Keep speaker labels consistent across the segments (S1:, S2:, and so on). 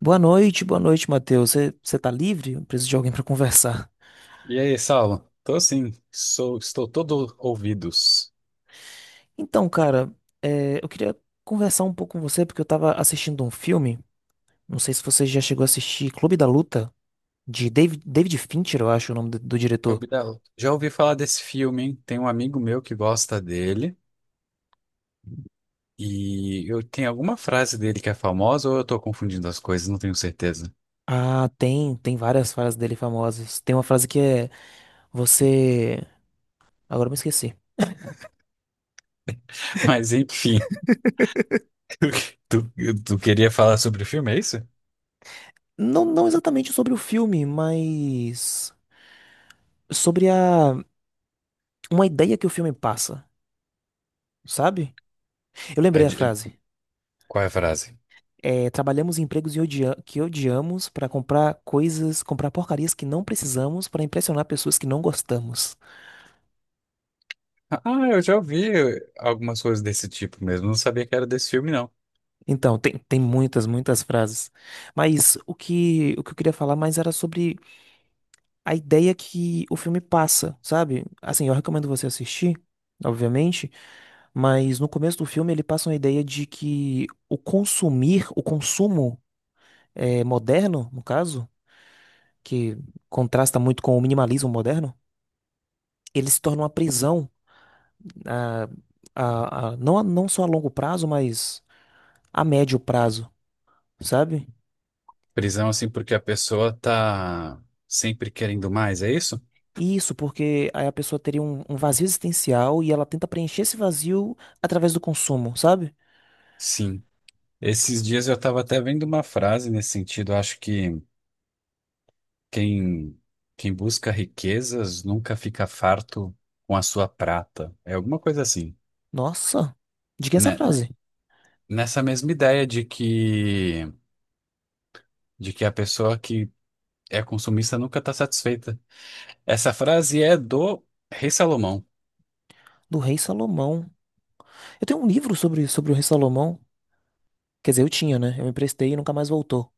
S1: Boa noite, Matheus. Você tá livre? Eu preciso de alguém para conversar.
S2: E aí, Saulo? Tô sim, estou todo ouvidos.
S1: Então, cara, eu queria conversar um pouco com você porque eu tava assistindo um filme. Não sei se você já chegou a assistir Clube da Luta, de David Fincher, eu acho o nome do diretor.
S2: Gabriel, já ouvi falar desse filme, hein? Tem um amigo meu que gosta dele e eu tenho alguma frase dele que é famosa ou eu tô confundindo as coisas, não tenho certeza.
S1: Ah, tem várias frases dele famosas. Tem uma frase que é você. Agora eu me esqueci.
S2: Mas enfim, tu, tu queria falar sobre o filme, é isso?
S1: Não, não exatamente sobre o filme, mas sobre a uma ideia que o filme passa, sabe? Eu
S2: É
S1: lembrei a
S2: de-
S1: frase.
S2: qual é a frase?
S1: É, trabalhamos em empregos e que odiamos para comprar coisas, comprar porcarias que não precisamos para impressionar pessoas que não gostamos.
S2: Ah, eu já ouvi algumas coisas desse tipo mesmo, não sabia que era desse filme, não.
S1: Então, tem muitas, muitas frases. Mas o que eu queria falar mais era sobre a ideia que o filme passa, sabe? Assim, eu recomendo você assistir, obviamente, mas no começo do filme ele passa uma ideia de que o consumo moderno, no caso, que contrasta muito com o minimalismo moderno, ele se torna uma prisão a, não só a longo prazo, mas a médio prazo, sabe?
S2: Prisão assim porque a pessoa tá sempre querendo mais, é isso?
S1: Isso, porque aí a pessoa teria um vazio existencial e ela tenta preencher esse vazio através do consumo, sabe?
S2: Sim. Esses dias eu estava até vendo uma frase nesse sentido. Eu acho que quem, quem busca riquezas nunca fica farto com a sua prata. É alguma coisa assim.
S1: Nossa, diga essa
S2: Né?
S1: frase,
S2: Nessa mesma ideia de de que a pessoa que é consumista nunca está satisfeita. Essa frase é do Rei Salomão.
S1: do Rei Salomão. Eu tenho um livro sobre o Rei Salomão. Quer dizer, eu tinha, né? Eu emprestei e nunca mais voltou.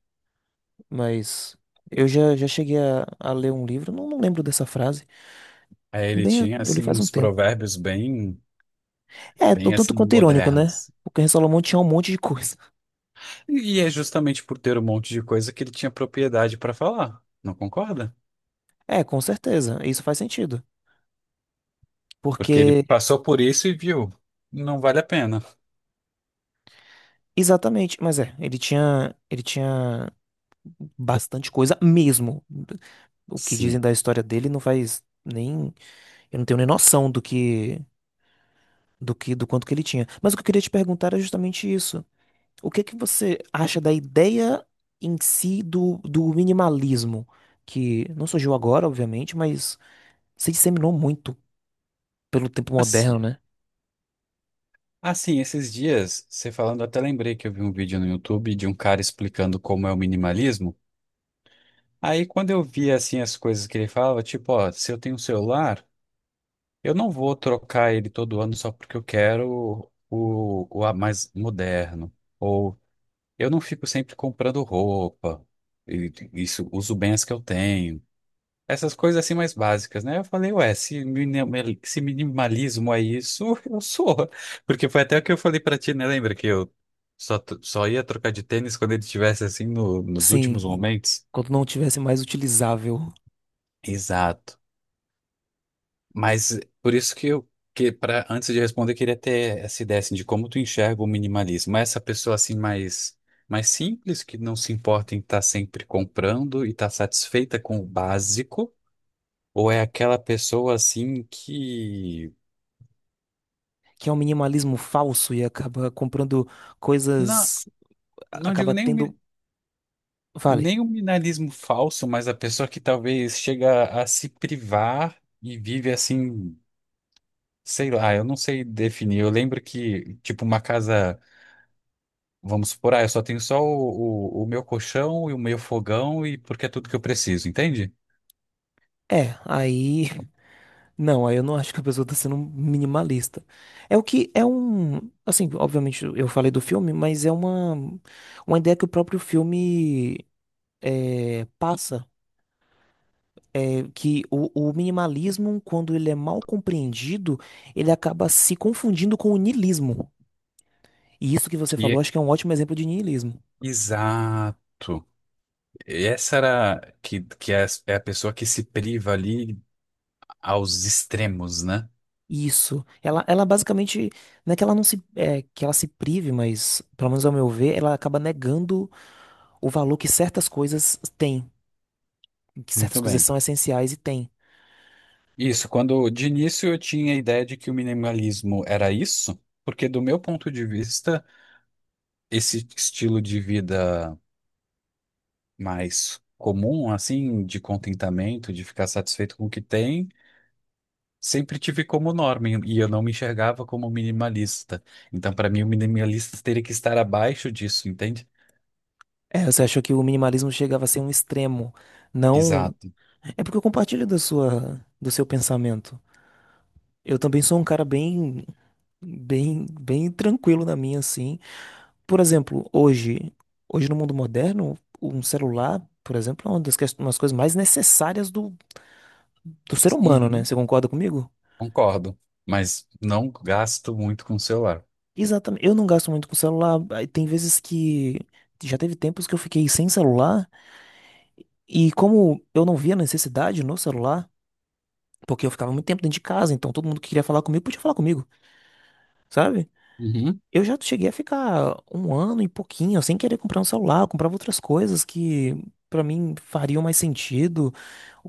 S1: Mas eu já cheguei a ler um livro, não, não lembro dessa frase.
S2: Aí ele
S1: Também eu,
S2: tinha
S1: eu li
S2: assim
S1: faz um
S2: uns
S1: tempo.
S2: provérbios bem,
S1: É, o
S2: bem
S1: tanto
S2: assim
S1: quanto irônico, né?
S2: modernos.
S1: Porque o Rei Salomão tinha um monte de coisa.
S2: E é justamente por ter um monte de coisa que ele tinha propriedade para falar. Não concorda?
S1: É, com certeza, isso faz sentido.
S2: Porque ele
S1: Porque,
S2: passou por isso e viu, não vale a pena.
S1: exatamente, mas ele tinha, bastante coisa mesmo. O que dizem
S2: Sim.
S1: da história dele não faz nem, eu não tenho nem noção do quanto que ele tinha. Mas o que eu queria te perguntar é justamente isso. O que que você acha da ideia em si do minimalismo, que não surgiu agora, obviamente, mas se disseminou muito pelo tempo
S2: Mas,
S1: moderno, né?
S2: assim, esses dias, você falando, eu até lembrei que eu vi um vídeo no YouTube de um cara explicando como é o minimalismo. Aí, quando eu vi, assim, as coisas que ele falava, tipo, ó, se eu tenho um celular, eu não vou trocar ele todo ano só porque eu quero mais moderno. Ou eu não fico sempre comprando roupa. E, isso, uso bem as que eu tenho. Essas coisas assim mais básicas, né? Eu falei, ué, se, se minimalismo é isso, eu sou. Porque foi até o que eu falei pra ti, né? Lembra que eu só ia trocar de tênis quando ele estivesse assim nos
S1: Sim,
S2: últimos momentos?
S1: quando não tivesse mais utilizável.
S2: Exato. Mas por isso que para antes de responder, eu queria ter essa ideia assim, de como tu enxerga o minimalismo. Essa pessoa assim mais simples, que não se importa em estar sempre comprando e estar satisfeita com o básico, ou é aquela pessoa assim que
S1: Que é um minimalismo falso e acaba comprando
S2: não?
S1: coisas,
S2: Não digo
S1: acaba
S2: nem
S1: tendo, vale.
S2: nem o minimalismo falso, mas a pessoa que talvez chega a se privar e vive assim, sei lá, eu não sei definir. Eu lembro que, tipo, uma casa, vamos supor, ah, eu só tenho só o meu colchão e o meu fogão e porque é tudo que eu preciso, entende?
S1: É, aí não, aí eu não acho que a pessoa tá sendo minimalista. É o que é um, assim, obviamente eu falei do filme, mas é uma ideia que o próprio filme passa. É que o minimalismo, quando ele é mal compreendido, ele acaba se confundindo com o niilismo. E isso que você
S2: Que
S1: falou,
S2: é-
S1: acho que é um ótimo exemplo de niilismo.
S2: Exato. Essa era que é a pessoa que se priva ali aos extremos, né?
S1: Isso. Ela basicamente, não é que ela não se, que ela se prive, mas, pelo menos ao meu ver, ela acaba negando o valor que certas coisas têm, que certas
S2: Muito
S1: coisas
S2: bem.
S1: são essenciais e têm.
S2: Isso, quando de início eu tinha a ideia de que o minimalismo era isso, porque do meu ponto de vista, esse estilo de vida mais comum, assim, de contentamento, de ficar satisfeito com o que tem, sempre tive como norma e eu não me enxergava como minimalista. Então, para mim, o minimalista teria que estar abaixo disso, entende?
S1: É, você achou que o minimalismo chegava a ser um extremo. Não,
S2: Exato.
S1: é porque eu compartilho do seu pensamento. Eu também sou um cara bem, bem, bem tranquilo na minha, assim. Por exemplo, hoje no mundo moderno, um celular, por exemplo, é uma das umas coisas mais necessárias do ser humano, né?
S2: Uhum,
S1: Você concorda comigo?
S2: concordo, mas não gasto muito com o celular.
S1: Exatamente. Eu não gasto muito com celular. Aí Tem vezes que Já teve tempos que eu fiquei sem celular e como eu não via necessidade no celular, porque eu ficava muito tempo dentro de casa, então todo mundo que queria falar comigo podia falar comigo, sabe?
S2: Uhum.
S1: Eu já cheguei a ficar um ano e pouquinho sem querer comprar um celular, eu comprava outras coisas que pra mim fariam mais sentido,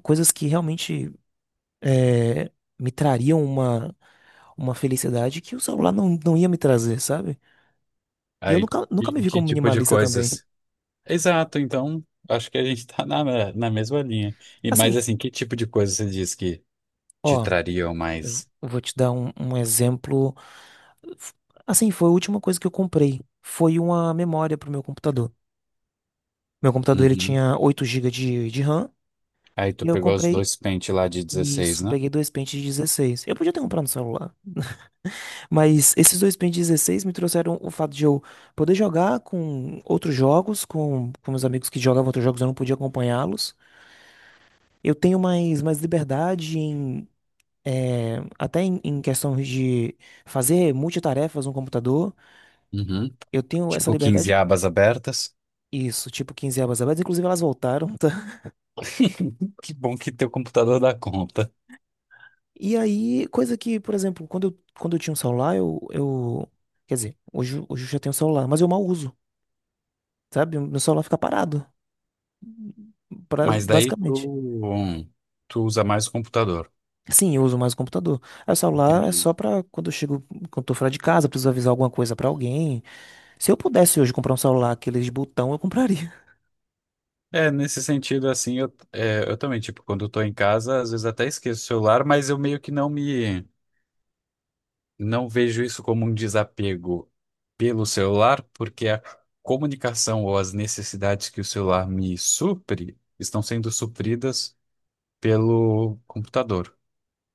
S1: coisas que realmente eh, me trariam uma, felicidade que o celular não ia me trazer, sabe? E eu
S2: Aí,
S1: nunca, nunca me vi
S2: que
S1: como
S2: tipo de
S1: minimalista também.
S2: coisas? Exato, então acho que a gente tá na mesma linha. E mas
S1: Assim,
S2: assim, que tipo de coisa você diz que te
S1: ó,
S2: trariam
S1: eu
S2: mais?
S1: vou te dar um exemplo. F- Assim, foi a última coisa que eu comprei. Foi uma memória pro meu computador. Meu computador, ele
S2: Uhum.
S1: tinha 8 gigas de RAM.
S2: Aí
S1: E
S2: tu
S1: eu
S2: pegou os
S1: comprei
S2: dois pentes lá de 16,
S1: isso.
S2: né?
S1: Peguei dois pentes de 16. Eu podia ter comprado no celular. Mas esses dois Pen 16 me trouxeram o fato de eu poder jogar com outros jogos, com meus amigos que jogavam outros jogos, eu não podia acompanhá-los. Eu tenho mais, mais liberdade até em questão de fazer multitarefas no computador.
S2: Uhum.
S1: Eu tenho essa
S2: Tipo
S1: liberdade,
S2: 15 abas abertas.
S1: isso, tipo 15 abas abertas, inclusive elas voltaram, tá?
S2: Que bom que teu computador dá conta.
S1: E aí, coisa que, por exemplo, quando eu tinha um celular, quer dizer, hoje eu já tenho um celular, mas eu mal uso, sabe? Meu celular fica parado,
S2: Mas daí
S1: basicamente.
S2: tu usa mais o computador.
S1: Sim, eu uso mais o computador. Aí, o celular é
S2: Entendi.
S1: só pra quando eu chego, quando eu tô fora de casa, preciso avisar alguma coisa pra alguém. Se eu pudesse hoje comprar um celular, aqueles de botão, eu compraria.
S2: É, nesse sentido, assim, eu também, tipo, quando eu tô em casa, às vezes até esqueço o celular, mas eu meio que não me. Não vejo isso como um desapego pelo celular, porque a comunicação ou as necessidades que o celular me supre estão sendo supridas pelo computador.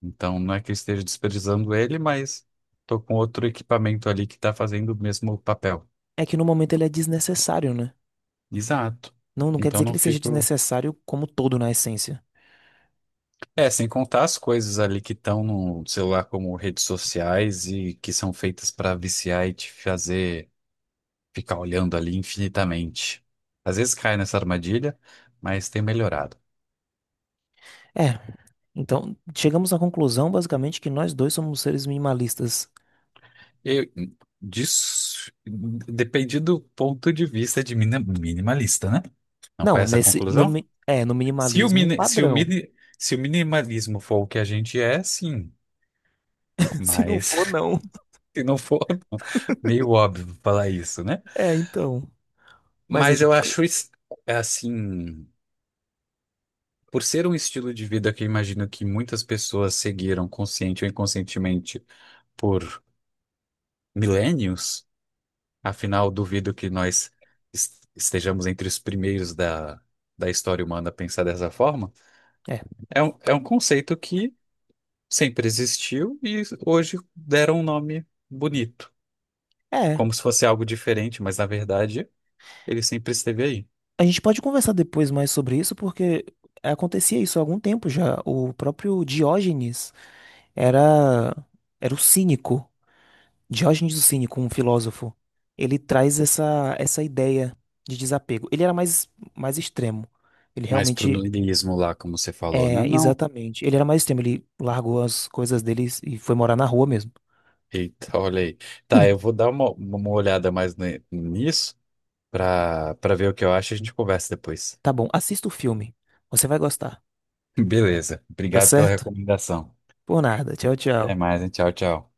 S2: Então, não é que eu esteja desprezando ele, mas estou com outro equipamento ali que está fazendo o mesmo papel.
S1: É que no momento ele é desnecessário, né?
S2: Exato.
S1: Não, não quer
S2: Então,
S1: dizer que
S2: não
S1: ele seja
S2: fico.
S1: desnecessário como todo na essência.
S2: É, sem contar as coisas ali que estão no celular, como redes sociais e que são feitas para viciar e te fazer ficar olhando ali infinitamente. Às vezes cai nessa armadilha, mas tem melhorado.
S1: É, então chegamos à conclusão basicamente que nós dois somos seres minimalistas.
S2: Eu, disso, depende do ponto de vista de minimalista, né? Não foi
S1: Não,
S2: essa a
S1: nesse no,
S2: conclusão?
S1: mi- é, no
S2: Se o,
S1: minimalismo
S2: mini, se o,
S1: padrão.
S2: mini, se o minimalismo for o que a gente é, sim.
S1: Se não for,
S2: Mas
S1: não.
S2: se não for, não. Meio óbvio falar isso, né?
S1: É, então. Mas
S2: Mas eu acho es- É assim, por ser um estilo de vida que eu imagino que muitas pessoas seguiram consciente ou inconscientemente por milênios? Afinal, duvido que estejamos entre os primeiros da história humana a pensar dessa forma.
S1: é,
S2: É um conceito que sempre existiu e hoje deram um nome bonito,
S1: é,
S2: como se fosse algo diferente, mas na verdade ele sempre esteve aí.
S1: a gente pode conversar depois mais sobre isso porque acontecia isso há algum tempo já. O próprio Diógenes era era o cínico. Diógenes o Cínico, um filósofo. Ele traz essa ideia de desapego. Ele era mais extremo. Ele
S2: Mas pro
S1: realmente.
S2: niilismo lá, como você falou, né?
S1: É,
S2: Não.
S1: exatamente. Ele era mais extremo, ele largou as coisas dele e foi morar na rua mesmo.
S2: Eita, olha aí. Tá, eu vou dar uma olhada mais nisso para ver o que eu acho e a gente conversa depois.
S1: Tá bom, assista o filme. Você vai gostar.
S2: Beleza.
S1: Tá
S2: Obrigado pela
S1: certo?
S2: recomendação.
S1: Por nada. Tchau,
S2: Até
S1: tchau.
S2: mais, hein? Tchau, tchau.